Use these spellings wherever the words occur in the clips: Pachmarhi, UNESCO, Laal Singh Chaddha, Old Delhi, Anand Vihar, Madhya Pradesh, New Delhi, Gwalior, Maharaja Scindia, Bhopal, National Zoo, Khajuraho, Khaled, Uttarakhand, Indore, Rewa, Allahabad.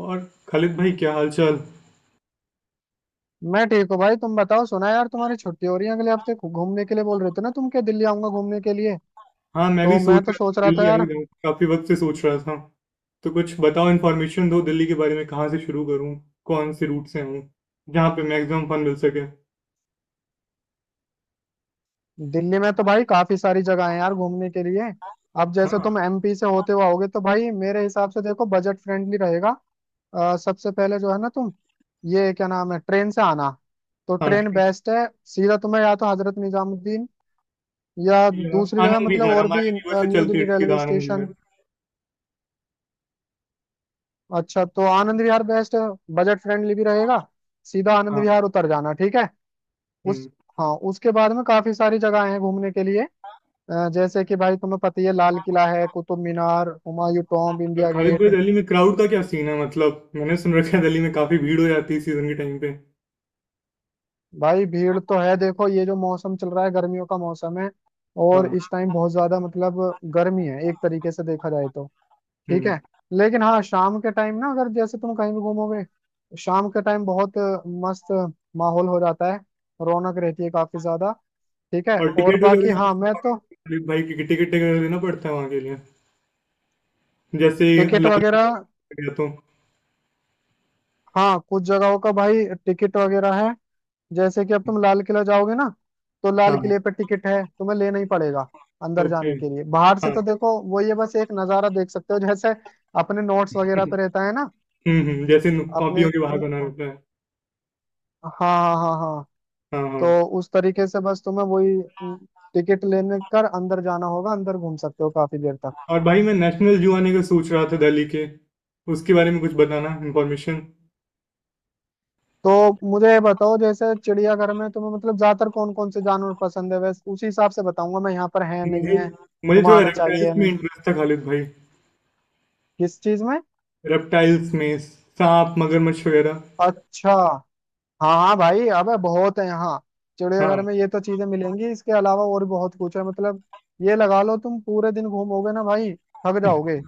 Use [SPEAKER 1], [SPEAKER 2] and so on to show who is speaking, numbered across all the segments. [SPEAKER 1] और खालिद भाई, क्या हालचाल।
[SPEAKER 2] मैं ठीक हूँ भाई तुम बताओ। सुना यार तुम्हारी छुट्टी हो रही है अगले हफ्ते, घूमने के लिए बोल रहे थे ना तुम? क्या दिल्ली आऊंगा घूमने के लिए?
[SPEAKER 1] हाँ, मैं भी
[SPEAKER 2] तो
[SPEAKER 1] सोच
[SPEAKER 2] मैं तो
[SPEAKER 1] रहा
[SPEAKER 2] सोच
[SPEAKER 1] था
[SPEAKER 2] रहा था
[SPEAKER 1] दिल्ली आ ही
[SPEAKER 2] यार।
[SPEAKER 1] जाऊँ। काफी वक्त से सोच रहा था। तो कुछ बताओ, इन्फॉर्मेशन दो दिल्ली के बारे में। कहाँ से शुरू करूँ? कौन से रूट से आऊँ? जहाँ पे मैक्सिमम फन मिल सके।
[SPEAKER 2] दिल्ली में तो भाई काफी सारी जगह है यार घूमने के लिए। अब जैसे
[SPEAKER 1] हाँ।
[SPEAKER 2] तुम एमपी से होते हुए आओगे तो भाई मेरे हिसाब से देखो, बजट फ्रेंडली रहेगा। सबसे पहले जो है ना तुम, ये क्या नाम है, ट्रेन से आना, तो
[SPEAKER 1] हाँ,
[SPEAKER 2] ट्रेन
[SPEAKER 1] ठीक।
[SPEAKER 2] बेस्ट है। सीधा तुम्हें या तो हजरत निजामुद्दीन, या
[SPEAKER 1] या
[SPEAKER 2] दूसरी जगह
[SPEAKER 1] आनंद
[SPEAKER 2] मतलब,
[SPEAKER 1] विहार,
[SPEAKER 2] और
[SPEAKER 1] हमारे
[SPEAKER 2] भी
[SPEAKER 1] रीवा से
[SPEAKER 2] न्यू
[SPEAKER 1] चलती है,
[SPEAKER 2] दिल्ली रेलवे
[SPEAKER 1] सीधा आनंद
[SPEAKER 2] स्टेशन।
[SPEAKER 1] विहार।
[SPEAKER 2] अच्छा तो आनंद विहार बेस्ट है, बजट फ्रेंडली भी रहेगा। सीधा आनंद
[SPEAKER 1] हाँ।
[SPEAKER 2] विहार उतर जाना, ठीक है। उस,
[SPEAKER 1] हम्म।
[SPEAKER 2] हाँ उसके बाद में काफी सारी जगह हैं घूमने के लिए। जैसे कि भाई तुम्हें पता ही है, लाल किला है, कुतुब मीनार, हुमायूं टॉम्ब,
[SPEAKER 1] और
[SPEAKER 2] इंडिया
[SPEAKER 1] खालिद भाई,
[SPEAKER 2] गेट।
[SPEAKER 1] दिल्ली में क्राउड का क्या सीन है? मतलब मैंने सुन रखा है दिल्ली में काफी भीड़ हो जाती है सीजन के टाइम पे।
[SPEAKER 2] भाई भीड़ तो है, देखो ये जो मौसम चल रहा है, गर्मियों का मौसम है, और
[SPEAKER 1] हाँ।
[SPEAKER 2] इस टाइम बहुत ज्यादा मतलब गर्मी है, एक तरीके से देखा जाए तो। ठीक
[SPEAKER 1] हम्म।
[SPEAKER 2] है। लेकिन हाँ, शाम के टाइम ना अगर जैसे तुम कहीं भी घूमोगे, शाम के टाइम बहुत मस्त माहौल हो जाता है, रौनक रहती है काफी ज्यादा। ठीक है।
[SPEAKER 1] और
[SPEAKER 2] और
[SPEAKER 1] टिकट
[SPEAKER 2] बाकी
[SPEAKER 1] वगैरह?
[SPEAKER 2] हाँ मैं तो,
[SPEAKER 1] खालिद भाई, की टिकट वगैरह देना पड़ता है वहाँ के लिए? जैसे
[SPEAKER 2] टिकट
[SPEAKER 1] लाल,
[SPEAKER 2] वगैरह,
[SPEAKER 1] गया तो।
[SPEAKER 2] हाँ कुछ जगहों का भाई टिकट वगैरह है। जैसे कि अब तुम लाल किला जाओगे ना, तो लाल
[SPEAKER 1] हाँ।
[SPEAKER 2] किले पे टिकट है, तुम्हें लेना ही पड़ेगा अंदर
[SPEAKER 1] ओके।
[SPEAKER 2] जाने के लिए। बाहर से
[SPEAKER 1] हाँ।
[SPEAKER 2] तो देखो, वो ये बस एक नज़ारा देख सकते हो, जैसे अपने नोट्स वगैरह पे रहता है ना
[SPEAKER 1] हुँ, हुँ, जैसे
[SPEAKER 2] अपने।
[SPEAKER 1] कॉपियों के बाहर बना
[SPEAKER 2] हाँ
[SPEAKER 1] रहता है।
[SPEAKER 2] हाँ हाँ हाँ हाँ।
[SPEAKER 1] हाँ हाँ।
[SPEAKER 2] तो उस तरीके से बस तुम्हें वही टिकट लेने कर अंदर जाना होगा, अंदर घूम सकते हो काफी देर तक।
[SPEAKER 1] और भाई, मैं नेशनल जू आने का सोच रहा था दिल्ली के। उसके बारे में कुछ बताना, इंफॉर्मेशन।
[SPEAKER 2] तो मुझे ये बताओ, जैसे चिड़ियाघर में तुम्हें मतलब ज्यादातर कौन कौन से जानवर पसंद है, वैसे उसी हिसाब से बताऊंगा मैं, यहाँ पर है नहीं
[SPEAKER 1] मुझे,
[SPEAKER 2] है, तुम्हें
[SPEAKER 1] थोड़ा
[SPEAKER 2] आना चाहिए
[SPEAKER 1] रेप्टाइल्स
[SPEAKER 2] या
[SPEAKER 1] में
[SPEAKER 2] नहीं।
[SPEAKER 1] इंटरेस्ट था खालिद भाई।
[SPEAKER 2] किस चीज में?
[SPEAKER 1] रेप्टाइल्स में। सांप, मगरमच्छ वगैरह।
[SPEAKER 2] अच्छा। हाँ हाँ भाई, अबे बहुत है यहाँ। चिड़ियाघर
[SPEAKER 1] हाँ
[SPEAKER 2] में ये तो चीजें मिलेंगी, इसके अलावा और भी बहुत कुछ है मतलब। ये लगा लो तुम पूरे दिन घूमोगे ना भाई, थक जाओगे,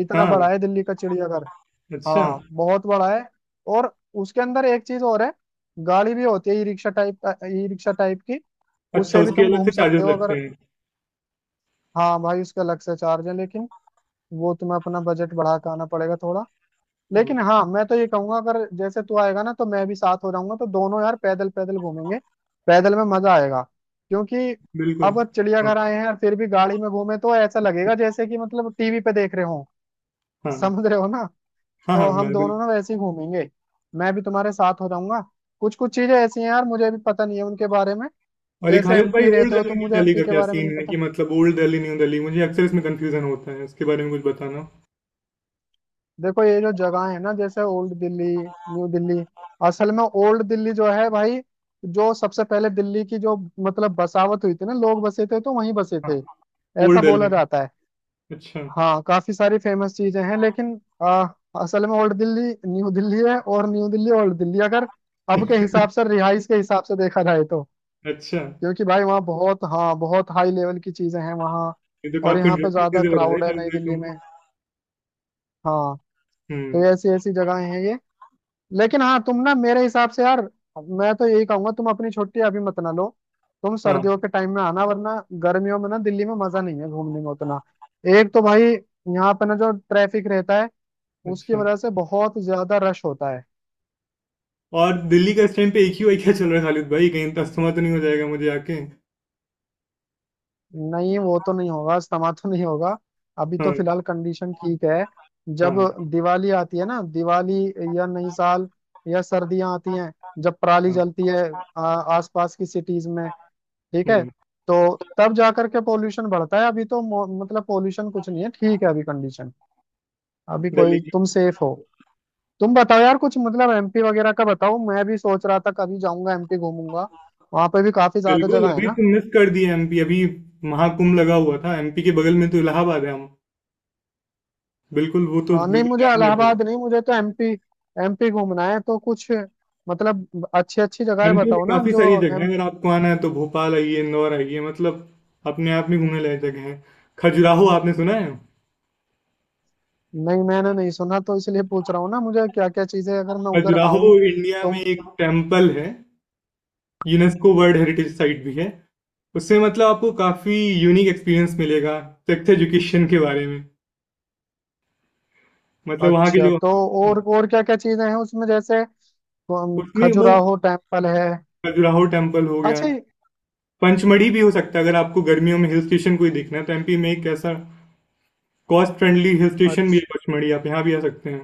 [SPEAKER 2] इतना बड़ा
[SPEAKER 1] हाँ।
[SPEAKER 2] है दिल्ली का चिड़ियाघर।
[SPEAKER 1] अच्छा।
[SPEAKER 2] हाँ बहुत बड़ा है। और उसके अंदर एक चीज और है, गाड़ी भी होती है, e rickshaw type, e rickshaw type की।
[SPEAKER 1] अच्छा,
[SPEAKER 2] उससे भी
[SPEAKER 1] उसके
[SPEAKER 2] तुम
[SPEAKER 1] अलग
[SPEAKER 2] घूम
[SPEAKER 1] से चार्जेस
[SPEAKER 2] सकते हो
[SPEAKER 1] लगते
[SPEAKER 2] अगर।
[SPEAKER 1] हैं?
[SPEAKER 2] हाँ भाई उसका अलग से चार्ज है, लेकिन वो तुम्हें अपना बजट बढ़ा के आना पड़ेगा थोड़ा। लेकिन हाँ मैं तो ये कहूंगा, अगर जैसे तू आएगा ना तो मैं भी साथ हो जाऊंगा, तो दोनों यार पैदल पैदल घूमेंगे। पैदल में मजा आएगा। क्योंकि
[SPEAKER 1] बिल्कुल।
[SPEAKER 2] अब
[SPEAKER 1] हाँ
[SPEAKER 2] चिड़ियाघर आए हैं और फिर भी गाड़ी में घूमे तो ऐसा लगेगा जैसे कि मतलब टीवी पे देख रहे हो।
[SPEAKER 1] हाँ
[SPEAKER 2] समझ रहे हो ना।
[SPEAKER 1] हाँ हाँ,
[SPEAKER 2] तो हम
[SPEAKER 1] मैं
[SPEAKER 2] दोनों
[SPEAKER 1] बिल्कुल।
[SPEAKER 2] ना वैसे ही घूमेंगे, मैं भी तुम्हारे साथ हो जाऊंगा। कुछ कुछ चीजें ऐसी हैं यार, मुझे भी पता नहीं है उनके बारे में।
[SPEAKER 1] और ये
[SPEAKER 2] जैसे
[SPEAKER 1] खालिद भाई,
[SPEAKER 2] एमपी
[SPEAKER 1] ओल्ड
[SPEAKER 2] रहते हो, तो
[SPEAKER 1] दिल्ली न्यू
[SPEAKER 2] मुझे
[SPEAKER 1] दिल्ली
[SPEAKER 2] एमपी
[SPEAKER 1] का
[SPEAKER 2] के
[SPEAKER 1] क्या
[SPEAKER 2] बारे में
[SPEAKER 1] सीन
[SPEAKER 2] नहीं
[SPEAKER 1] है
[SPEAKER 2] पता।
[SPEAKER 1] कि, मतलब ओल्ड दिल्ली न्यू दिल्ली, मुझे अक्सर इसमें कंफ्यूजन होता है। इसके बारे में कुछ बताना।
[SPEAKER 2] देखो ये जो जगह है ना जैसे ओल्ड दिल्ली न्यू दिल्ली, असल में ओल्ड दिल्ली जो है भाई, जो सबसे पहले दिल्ली की जो मतलब बसावट हुई थी ना, लोग बसे थे तो वहीं बसे थे,
[SPEAKER 1] ओल्ड
[SPEAKER 2] ऐसा बोला
[SPEAKER 1] दिल्ली?
[SPEAKER 2] जाता है।
[SPEAKER 1] अच्छा।
[SPEAKER 2] हाँ काफी सारी फेमस चीजें हैं, लेकिन असल में ओल्ड दिल्ली न्यू दिल्ली है, और न्यू दिल्ली ओल्ड दिल्ली, अगर अब के हिसाब से, रिहाइश के हिसाब से देखा जाए तो।
[SPEAKER 1] अच्छा।
[SPEAKER 2] क्योंकि भाई वहाँ बहुत, हाँ बहुत हाई लेवल की चीजें हैं वहाँ।
[SPEAKER 1] ये तो
[SPEAKER 2] और
[SPEAKER 1] काफी
[SPEAKER 2] यहाँ पे
[SPEAKER 1] इंटरेस्टिंग
[SPEAKER 2] ज्यादा
[SPEAKER 1] चीजें बता रहे
[SPEAKER 2] क्राउड है
[SPEAKER 1] खालिद
[SPEAKER 2] नई
[SPEAKER 1] भाई
[SPEAKER 2] दिल्ली
[SPEAKER 1] तुम।
[SPEAKER 2] में। हाँ। तो
[SPEAKER 1] हम्म।
[SPEAKER 2] ऐसी ऐसी जगहें हैं ये। लेकिन हाँ तुम ना मेरे हिसाब से यार, मैं तो यही कहूंगा तुम अपनी छुट्टी अभी मत ना लो, तुम
[SPEAKER 1] हाँ।
[SPEAKER 2] सर्दियों के टाइम में आना, वरना गर्मियों में ना दिल्ली में मजा नहीं है घूमने में उतना। एक तो भाई यहाँ पे ना जो ट्रैफिक रहता है, उसकी
[SPEAKER 1] अच्छा।
[SPEAKER 2] वजह से बहुत ज्यादा रश होता है।
[SPEAKER 1] और दिल्ली का इस टाइम पे एक ही वाई क्या चल रहा है खालिद भाई? कहीं तस्मा तो नहीं हो जाएगा मुझे आके?
[SPEAKER 2] नहीं वो तो नहीं होगा, इस्तेमाल तो नहीं होगा। अभी तो
[SPEAKER 1] हाँ।
[SPEAKER 2] फिलहाल कंडीशन ठीक है। जब
[SPEAKER 1] हाँ।
[SPEAKER 2] दिवाली आती है ना, दिवाली या नई साल या सर्दियां आती हैं, जब पराली
[SPEAKER 1] हाँ।
[SPEAKER 2] जलती है आसपास की सिटीज में, ठीक है,
[SPEAKER 1] हम्म।
[SPEAKER 2] तो तब जाकर के पोल्यूशन बढ़ता है। अभी तो मतलब पोल्यूशन कुछ नहीं है, ठीक है, अभी कंडीशन, अभी
[SPEAKER 1] दिल्ली
[SPEAKER 2] कोई
[SPEAKER 1] की।
[SPEAKER 2] तुम सेफ हो। तुम बताओ यार कुछ, मतलब एमपी वगैरह का बताओ, मैं भी सोच रहा था कभी जाऊंगा एमपी घूमूंगा। वहां पे भी काफी ज्यादा
[SPEAKER 1] बिल्कुल,
[SPEAKER 2] जगह है
[SPEAKER 1] अभी
[SPEAKER 2] ना।
[SPEAKER 1] तो मिस कर दिया एमपी अभी। महाकुंभ लगा हुआ था, एमपी के बगल में तो इलाहाबाद है, हम। बिल्कुल, वो तो
[SPEAKER 2] हाँ नहीं,
[SPEAKER 1] बिल्कुल
[SPEAKER 2] मुझे
[SPEAKER 1] जाने लगे।
[SPEAKER 2] इलाहाबाद नहीं, मुझे तो एमपी, एमपी घूमना है तो कुछ मतलब अच्छी अच्छी जगह
[SPEAKER 1] एमपी में
[SPEAKER 2] बताओ ना
[SPEAKER 1] काफी
[SPEAKER 2] जो।
[SPEAKER 1] सारी जगह है।
[SPEAKER 2] एम
[SPEAKER 1] अगर आपको आना है तो भोपाल आइए, इंदौर आइए, मतलब अपने आप में घूमने लायक जगह है। खजुराहो आपने सुना है?
[SPEAKER 2] नहीं मैंने नहीं सुना, तो इसलिए पूछ रहा हूँ ना, मुझे क्या क्या चीजें अगर मैं उधर
[SPEAKER 1] खजुराहो
[SPEAKER 2] आऊं
[SPEAKER 1] इंडिया
[SPEAKER 2] तो।
[SPEAKER 1] में एक टेम्पल है। यूनेस्को वर्ल्ड हेरिटेज साइट भी है। उससे मतलब आपको काफी यूनिक एक्सपीरियंस मिलेगा, सेक्स एजुकेशन के बारे में। मतलब वहाँ के
[SPEAKER 2] अच्छा।
[SPEAKER 1] जो,
[SPEAKER 2] तो और क्या क्या चीजें हैं उसमें, जैसे
[SPEAKER 1] उसमें वो,
[SPEAKER 2] खजुराहो टेम्पल है।
[SPEAKER 1] खजुराहो टेम्पल हो गया।
[SPEAKER 2] अच्छा।
[SPEAKER 1] पंचमढ़ी भी हो सकता है। अगर आपको गर्मियों में हिल स्टेशन कोई देखना है तो एमपी में एक ऐसा कॉस्ट फ्रेंडली हिल स्टेशन भी है
[SPEAKER 2] अच्छा
[SPEAKER 1] पचमढ़ी, आप यहाँ भी आ सकते हैं।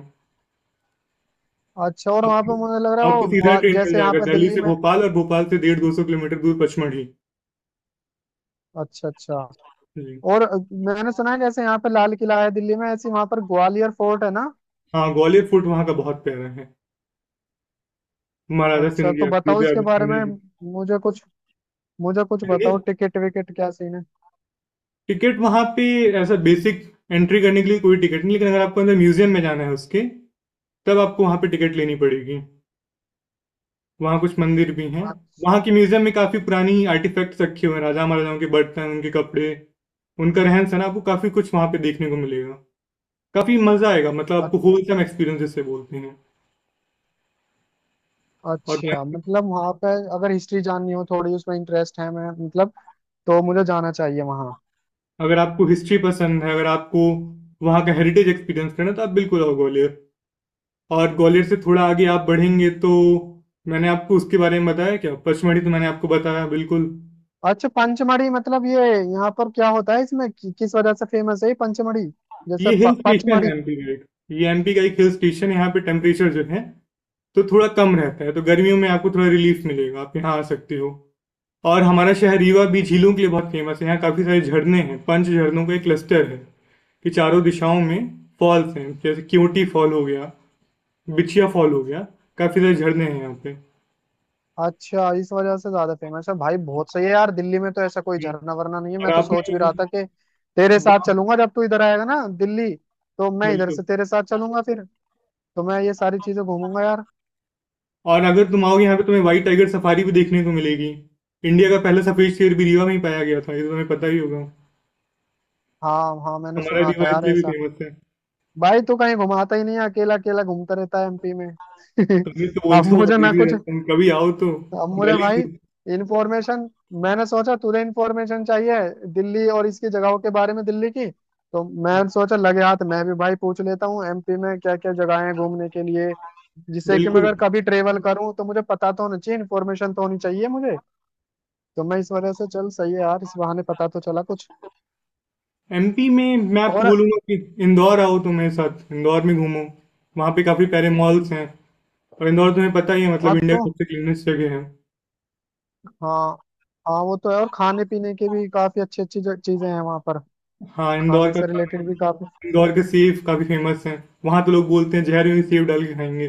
[SPEAKER 2] अच्छा। और वहाँ
[SPEAKER 1] आपको,
[SPEAKER 2] पे मुझे लग रहा है वो
[SPEAKER 1] सीधा
[SPEAKER 2] ग्वा
[SPEAKER 1] ट्रेन मिल
[SPEAKER 2] जैसे यहाँ
[SPEAKER 1] जाएगा
[SPEAKER 2] पे
[SPEAKER 1] दिल्ली
[SPEAKER 2] दिल्ली
[SPEAKER 1] से
[SPEAKER 2] में।
[SPEAKER 1] भोपाल, और भोपाल से 150-200 किलोमीटर दूर पचमढ़ी।
[SPEAKER 2] अच्छा अच्छा।
[SPEAKER 1] जी।
[SPEAKER 2] और मैंने सुना है जैसे यहाँ पे लाल किला है दिल्ली में, ऐसे वहाँ पर ग्वालियर फोर्ट है ना।
[SPEAKER 1] हाँ, ग्वालियर फूट वहाँ का बहुत प्यारा है। महाराजा
[SPEAKER 2] अच्छा तो
[SPEAKER 1] सिंधिया,
[SPEAKER 2] बताओ इसके
[SPEAKER 1] युद्धराज
[SPEAKER 2] बारे में,
[SPEAKER 1] सिंधिया।
[SPEAKER 2] मुझे कुछ, मुझे कुछ
[SPEAKER 1] जी।
[SPEAKER 2] बताओ, टिकट विकेट क्या सीन है।
[SPEAKER 1] टिकट वहाँ पे ऐसा बेसिक, एंट्री करने के लिए कोई टिकट नहीं। लेकिन अगर आपको अंदर म्यूजियम में जाना है उसके, तब आपको वहाँ पे टिकट लेनी पड़ेगी। वहाँ कुछ मंदिर भी हैं।
[SPEAKER 2] अ-
[SPEAKER 1] वहाँ के म्यूजियम में काफी पुरानी आर्टिफैक्ट्स रखे हुए हैं, राजा महाराजाओं के बर्तन, उनके कपड़े, उनका रहन सहन। आपको काफी कुछ वहाँ पे देखने को मिलेगा। काफ़ी मज़ा आएगा, मतलब
[SPEAKER 2] अ-
[SPEAKER 1] आपको होलसम एक्सपीरियंस जिसे बोलते हैं। और
[SPEAKER 2] अच्छा मतलब वहां पे, अगर हिस्ट्री जाननी हो थोड़ी उसमें इंटरेस्ट है मैं मतलब, तो मुझे जाना चाहिए वहां।
[SPEAKER 1] अगर आपको हिस्ट्री पसंद है, अगर आपको वहाँ का हेरिटेज एक्सपीरियंस करना है, तो आप बिल्कुल आओ ग्वालियर। और ग्वालियर से थोड़ा आगे आप बढ़ेंगे तो, मैंने आपको उसके बारे में बताया क्या पचमढ़ी? तो मैंने आपको बताया बिल्कुल।
[SPEAKER 2] अच्छा पंचमढ़ी मतलब, ये यहाँ पर क्या होता है इसमें कि, किस वजह से फेमस है ये पंचमढ़ी, जैसे
[SPEAKER 1] ये हिल स्टेशन है
[SPEAKER 2] पचमढ़ी।
[SPEAKER 1] एमपी का एक। ये एमपी का एक हिल स्टेशन है, यहाँ पे टेम्परेचर जो है तो थोड़ा कम रहता है। तो गर्मियों में आपको थोड़ा रिलीफ मिलेगा, आप यहाँ आ सकते हो। और हमारा शहर रीवा भी झीलों के लिए बहुत फेमस है। यहाँ काफी सारे झरने हैं। 5 झरनों का एक क्लस्टर है कि चारों दिशाओं में फॉल्स हैं। जैसे क्योटी फॉल हो गया, बिछिया फॉल हो गया। काफी सारे झरने हैं यहाँ पे।
[SPEAKER 2] अच्छा इस वजह से ज्यादा फेमस है भाई, बहुत सही है यार, दिल्ली में तो ऐसा कोई झरना वरना नहीं है,
[SPEAKER 1] और
[SPEAKER 2] मैं तो सोच भी
[SPEAKER 1] आपने
[SPEAKER 2] रहा था कि तेरे साथ
[SPEAKER 1] वाह!
[SPEAKER 2] चलूंगा जब तू इधर आएगा ना दिल्ली, तो मैं इधर
[SPEAKER 1] बिल्कुल।
[SPEAKER 2] से तेरे साथ चलूंगा फिर, तो मैं ये सारी चीजें घूमूंगा यार।
[SPEAKER 1] और अगर तुम आओगे यहाँ पे तुम्हें व्हाइट टाइगर सफारी भी देखने को मिलेगी। इंडिया का पहला सफेद शेर भी रीवा में ही पाया गया था, ये तो तुम्हें पता ही होगा।
[SPEAKER 2] हाँ हाँ मैंने
[SPEAKER 1] हमारा
[SPEAKER 2] सुना
[SPEAKER 1] रीवा
[SPEAKER 2] था यार
[SPEAKER 1] इसलिए भी
[SPEAKER 2] ऐसा।
[SPEAKER 1] फेमस है।
[SPEAKER 2] भाई तू कहीं घुमाता ही नहीं है, अकेला अकेला घूमता रहता है एमपी में।
[SPEAKER 1] तुम ये तो
[SPEAKER 2] अब
[SPEAKER 1] बोलते हो, बहुत
[SPEAKER 2] मुझे ना
[SPEAKER 1] देरी
[SPEAKER 2] कुछ,
[SPEAKER 1] रहते हो, कभी आओ तो।
[SPEAKER 2] अब मुझे
[SPEAKER 1] दिल्ली
[SPEAKER 2] भाई
[SPEAKER 1] से।
[SPEAKER 2] इंफॉर्मेशन, मैंने सोचा तुझे इंफॉर्मेशन चाहिए दिल्ली और इसकी जगहों के बारे में दिल्ली की, तो मैं
[SPEAKER 1] हाँ,
[SPEAKER 2] सोचा लगे हाथ मैं भी भाई पूछ लेता हूँ एमपी में क्या क्या जगह है घूमने के लिए, जिससे कि मैं
[SPEAKER 1] बिल्कुल।
[SPEAKER 2] अगर कभी ट्रेवल करूँ तो मुझे पता तो होना चाहिए, इन्फॉर्मेशन तो होनी चाहिए मुझे, तो मैं इस वजह से, चल सही है यार, इस बहाने पता तो चला कुछ।
[SPEAKER 1] एमपी में मैं आपको
[SPEAKER 2] और
[SPEAKER 1] बोलूंगा कि इंदौर आओ, तुम मेरे साथ इंदौर में घूमो। वहाँ पे काफी प्यारे मॉल्स हैं। और इंदौर तुम्हें पता ही है, मतलब
[SPEAKER 2] और
[SPEAKER 1] इंडिया
[SPEAKER 2] तो,
[SPEAKER 1] की सबसे क्लीनेस्ट जगह है।
[SPEAKER 2] हाँ, हाँ वो तो है, और खाने पीने के भी काफी अच्छी अच्छी चीजें हैं वहां पर,
[SPEAKER 1] हाँ, इंदौर
[SPEAKER 2] खाने
[SPEAKER 1] का
[SPEAKER 2] से
[SPEAKER 1] खाना,
[SPEAKER 2] रिलेटेड भी काफी।
[SPEAKER 1] इंदौर के सेव काफी फेमस है। वहां तो लोग बोलते हैं जहर में सेव डाल के खाएंगे।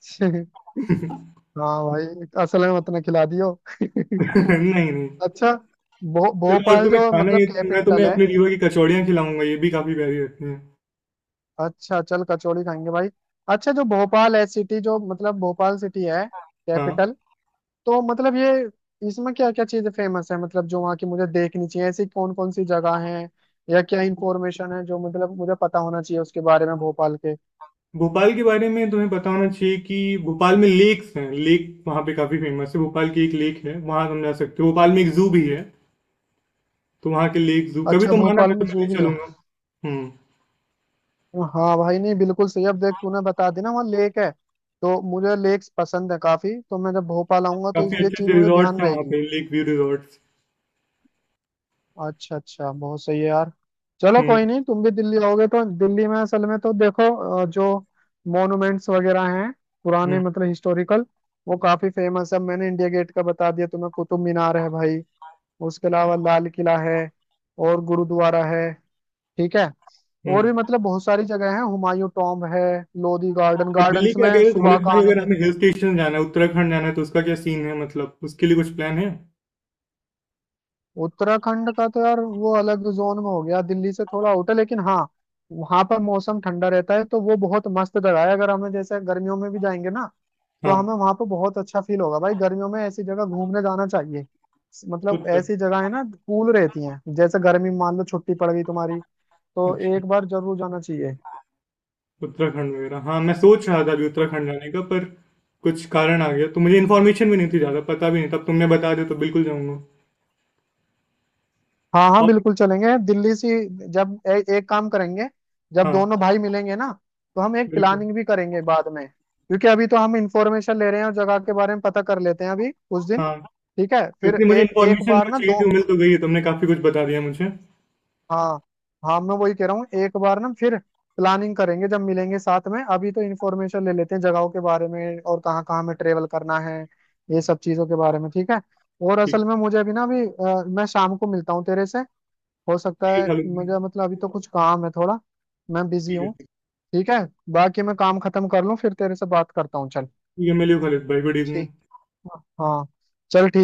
[SPEAKER 2] हाँ भाई, असल में मत ना खिला दियो।
[SPEAKER 1] नहीं नहीं।
[SPEAKER 2] अच्छा
[SPEAKER 1] चलो, और
[SPEAKER 2] भोपाल
[SPEAKER 1] तुम्हें
[SPEAKER 2] जो
[SPEAKER 1] खाना,
[SPEAKER 2] मतलब
[SPEAKER 1] ये तो मैं तुम्हें
[SPEAKER 2] कैपिटल है,
[SPEAKER 1] अपने रीवा की कचौड़ियाँ खिलाऊंगा, ये भी काफी प्यारी लगती हैं।
[SPEAKER 2] अच्छा चल कचौड़ी खाएंगे भाई। अच्छा जो भोपाल है सिटी, जो मतलब भोपाल सिटी है,
[SPEAKER 1] हाँ।
[SPEAKER 2] कैपिटल, तो मतलब ये, इसमें क्या क्या चीजें फेमस है, मतलब जो वहाँ की मुझे देखनी चाहिए, ऐसी कौन कौन सी जगह है, या क्या इंफॉर्मेशन है जो मतलब मुझे पता होना चाहिए उसके बारे में, भोपाल के।
[SPEAKER 1] भोपाल के बारे में तुम्हें पता होना चाहिए कि भोपाल में लेक्स हैं। लेक वहाँ पे काफी फेमस है। भोपाल की एक लेक है, वहाँ तुम जा सकते हो। भोपाल में एक जू भी है। तो वहाँ के लेक, जू कभी
[SPEAKER 2] अच्छा
[SPEAKER 1] तुम आना,
[SPEAKER 2] भोपाल
[SPEAKER 1] मैं
[SPEAKER 2] में
[SPEAKER 1] तुम्हें
[SPEAKER 2] जू
[SPEAKER 1] ले
[SPEAKER 2] भी है।
[SPEAKER 1] चलूंगा। हम्म।
[SPEAKER 2] हाँ भाई, नहीं बिल्कुल सही, अब देख तूने बता दी ना वहाँ लेक है, तो मुझे लेक्स पसंद है काफी, तो मैं जब भोपाल आऊंगा तो
[SPEAKER 1] काफी
[SPEAKER 2] ये
[SPEAKER 1] अच्छे
[SPEAKER 2] चीज
[SPEAKER 1] अच्छे
[SPEAKER 2] मुझे
[SPEAKER 1] रिजॉर्ट
[SPEAKER 2] ध्यान
[SPEAKER 1] हैं वहाँ
[SPEAKER 2] रहेगी।
[SPEAKER 1] पे, लेक व्यू रिजॉर्ट।
[SPEAKER 2] अच्छा अच्छा, बहुत सही है यार। चलो
[SPEAKER 1] हम्म।
[SPEAKER 2] कोई नहीं, तुम भी दिल्ली आओगे तो दिल्ली में असल में तो देखो, जो मॉन्यूमेंट्स वगैरह हैं पुराने,
[SPEAKER 1] हम्म।
[SPEAKER 2] मतलब हिस्टोरिकल, वो काफी फेमस है। मैंने इंडिया गेट का बता दिया तुम्हें, कुतुब मीनार है भाई, उसके अलावा लाल किला है, और गुरुद्वारा है, ठीक है, और
[SPEAKER 1] हम्म।
[SPEAKER 2] भी मतलब बहुत सारी जगह है, हुमायूं टॉम्ब है, लोधी गार्डन,
[SPEAKER 1] और दिल्ली
[SPEAKER 2] गार्डन्स
[SPEAKER 1] के,
[SPEAKER 2] में
[SPEAKER 1] अगर
[SPEAKER 2] सुबह
[SPEAKER 1] खालिद
[SPEAKER 2] का
[SPEAKER 1] भाई, अगर
[SPEAKER 2] आनंद है।
[SPEAKER 1] हमें हिल स्टेशन जाना है, उत्तराखंड जाना है, तो उसका क्या सीन है? मतलब उसके लिए कुछ प्लान है?
[SPEAKER 2] उत्तराखंड का तो यार वो अलग जोन में हो गया, दिल्ली से थोड़ा आउट है, लेकिन हाँ वहां पर मौसम ठंडा रहता है, तो वो बहुत मस्त जगह है, अगर हमें जैसे गर्मियों में भी जाएंगे ना तो
[SPEAKER 1] हाँ।
[SPEAKER 2] हमें वहां पर बहुत अच्छा फील होगा। भाई गर्मियों में ऐसी जगह घूमने जाना चाहिए, मतलब
[SPEAKER 1] उत्तराखंड।
[SPEAKER 2] ऐसी जगह है ना कूल रहती हैं, जैसे गर्मी में मान लो छुट्टी पड़ गई तुम्हारी, तो
[SPEAKER 1] अच्छा।
[SPEAKER 2] एक बार जरूर जाना चाहिए।
[SPEAKER 1] उत्तराखंड वगैरह, हाँ, मैं सोच रहा था अभी उत्तराखंड जाने का, पर कुछ कारण आ गया। तो मुझे इन्फॉर्मेशन भी नहीं थी, ज़्यादा पता भी नहीं था। अब तुमने बता दिया तो बिल्कुल जाऊंगा।
[SPEAKER 2] हाँ हाँ
[SPEAKER 1] और,
[SPEAKER 2] बिल्कुल चलेंगे दिल्ली से। जब एक काम करेंगे, जब दोनों भाई
[SPEAKER 1] हाँ
[SPEAKER 2] मिलेंगे ना तो हम एक
[SPEAKER 1] बिल्कुल।
[SPEAKER 2] प्लानिंग भी करेंगे बाद में, क्योंकि अभी तो हम इंफॉर्मेशन ले रहे हैं, और जगह के बारे में पता कर लेते हैं अभी उस दिन।
[SPEAKER 1] हाँ।
[SPEAKER 2] ठीक है फिर,
[SPEAKER 1] क्योंकि मुझे
[SPEAKER 2] एक एक
[SPEAKER 1] इन्फॉर्मेशन
[SPEAKER 2] बार
[SPEAKER 1] जो
[SPEAKER 2] ना
[SPEAKER 1] चाहिए
[SPEAKER 2] दो,
[SPEAKER 1] थी वो मिल तो गई है, तुमने काफ़ी कुछ बता दिया मुझे।
[SPEAKER 2] हाँ हाँ मैं वही कह रहा हूँ, एक बार ना फिर प्लानिंग करेंगे जब मिलेंगे साथ में, अभी तो इंफॉर्मेशन ले लेते हैं जगहों के बारे में, और कहाँ कहाँ हमें ट्रेवल करना है, ये सब चीज़ों के बारे में, ठीक है। और
[SPEAKER 1] ठीक।
[SPEAKER 2] असल में मुझे अभी ना, अभी मैं शाम को मिलता हूँ तेरे से, हो
[SPEAKER 1] ठीक
[SPEAKER 2] सकता
[SPEAKER 1] है
[SPEAKER 2] है,
[SPEAKER 1] खालिद भाई।
[SPEAKER 2] मुझे मतलब अभी तो कुछ काम है थोड़ा, मैं बिजी
[SPEAKER 1] ठीक
[SPEAKER 2] हूँ।
[SPEAKER 1] है।
[SPEAKER 2] ठीक है, बाकी मैं काम खत्म कर लूँ फिर तेरे से बात करता हूँ, चल
[SPEAKER 1] ठीक है, मिलियो खालिद भाई, गुड इवनिंग।
[SPEAKER 2] ठीक। हाँ चल।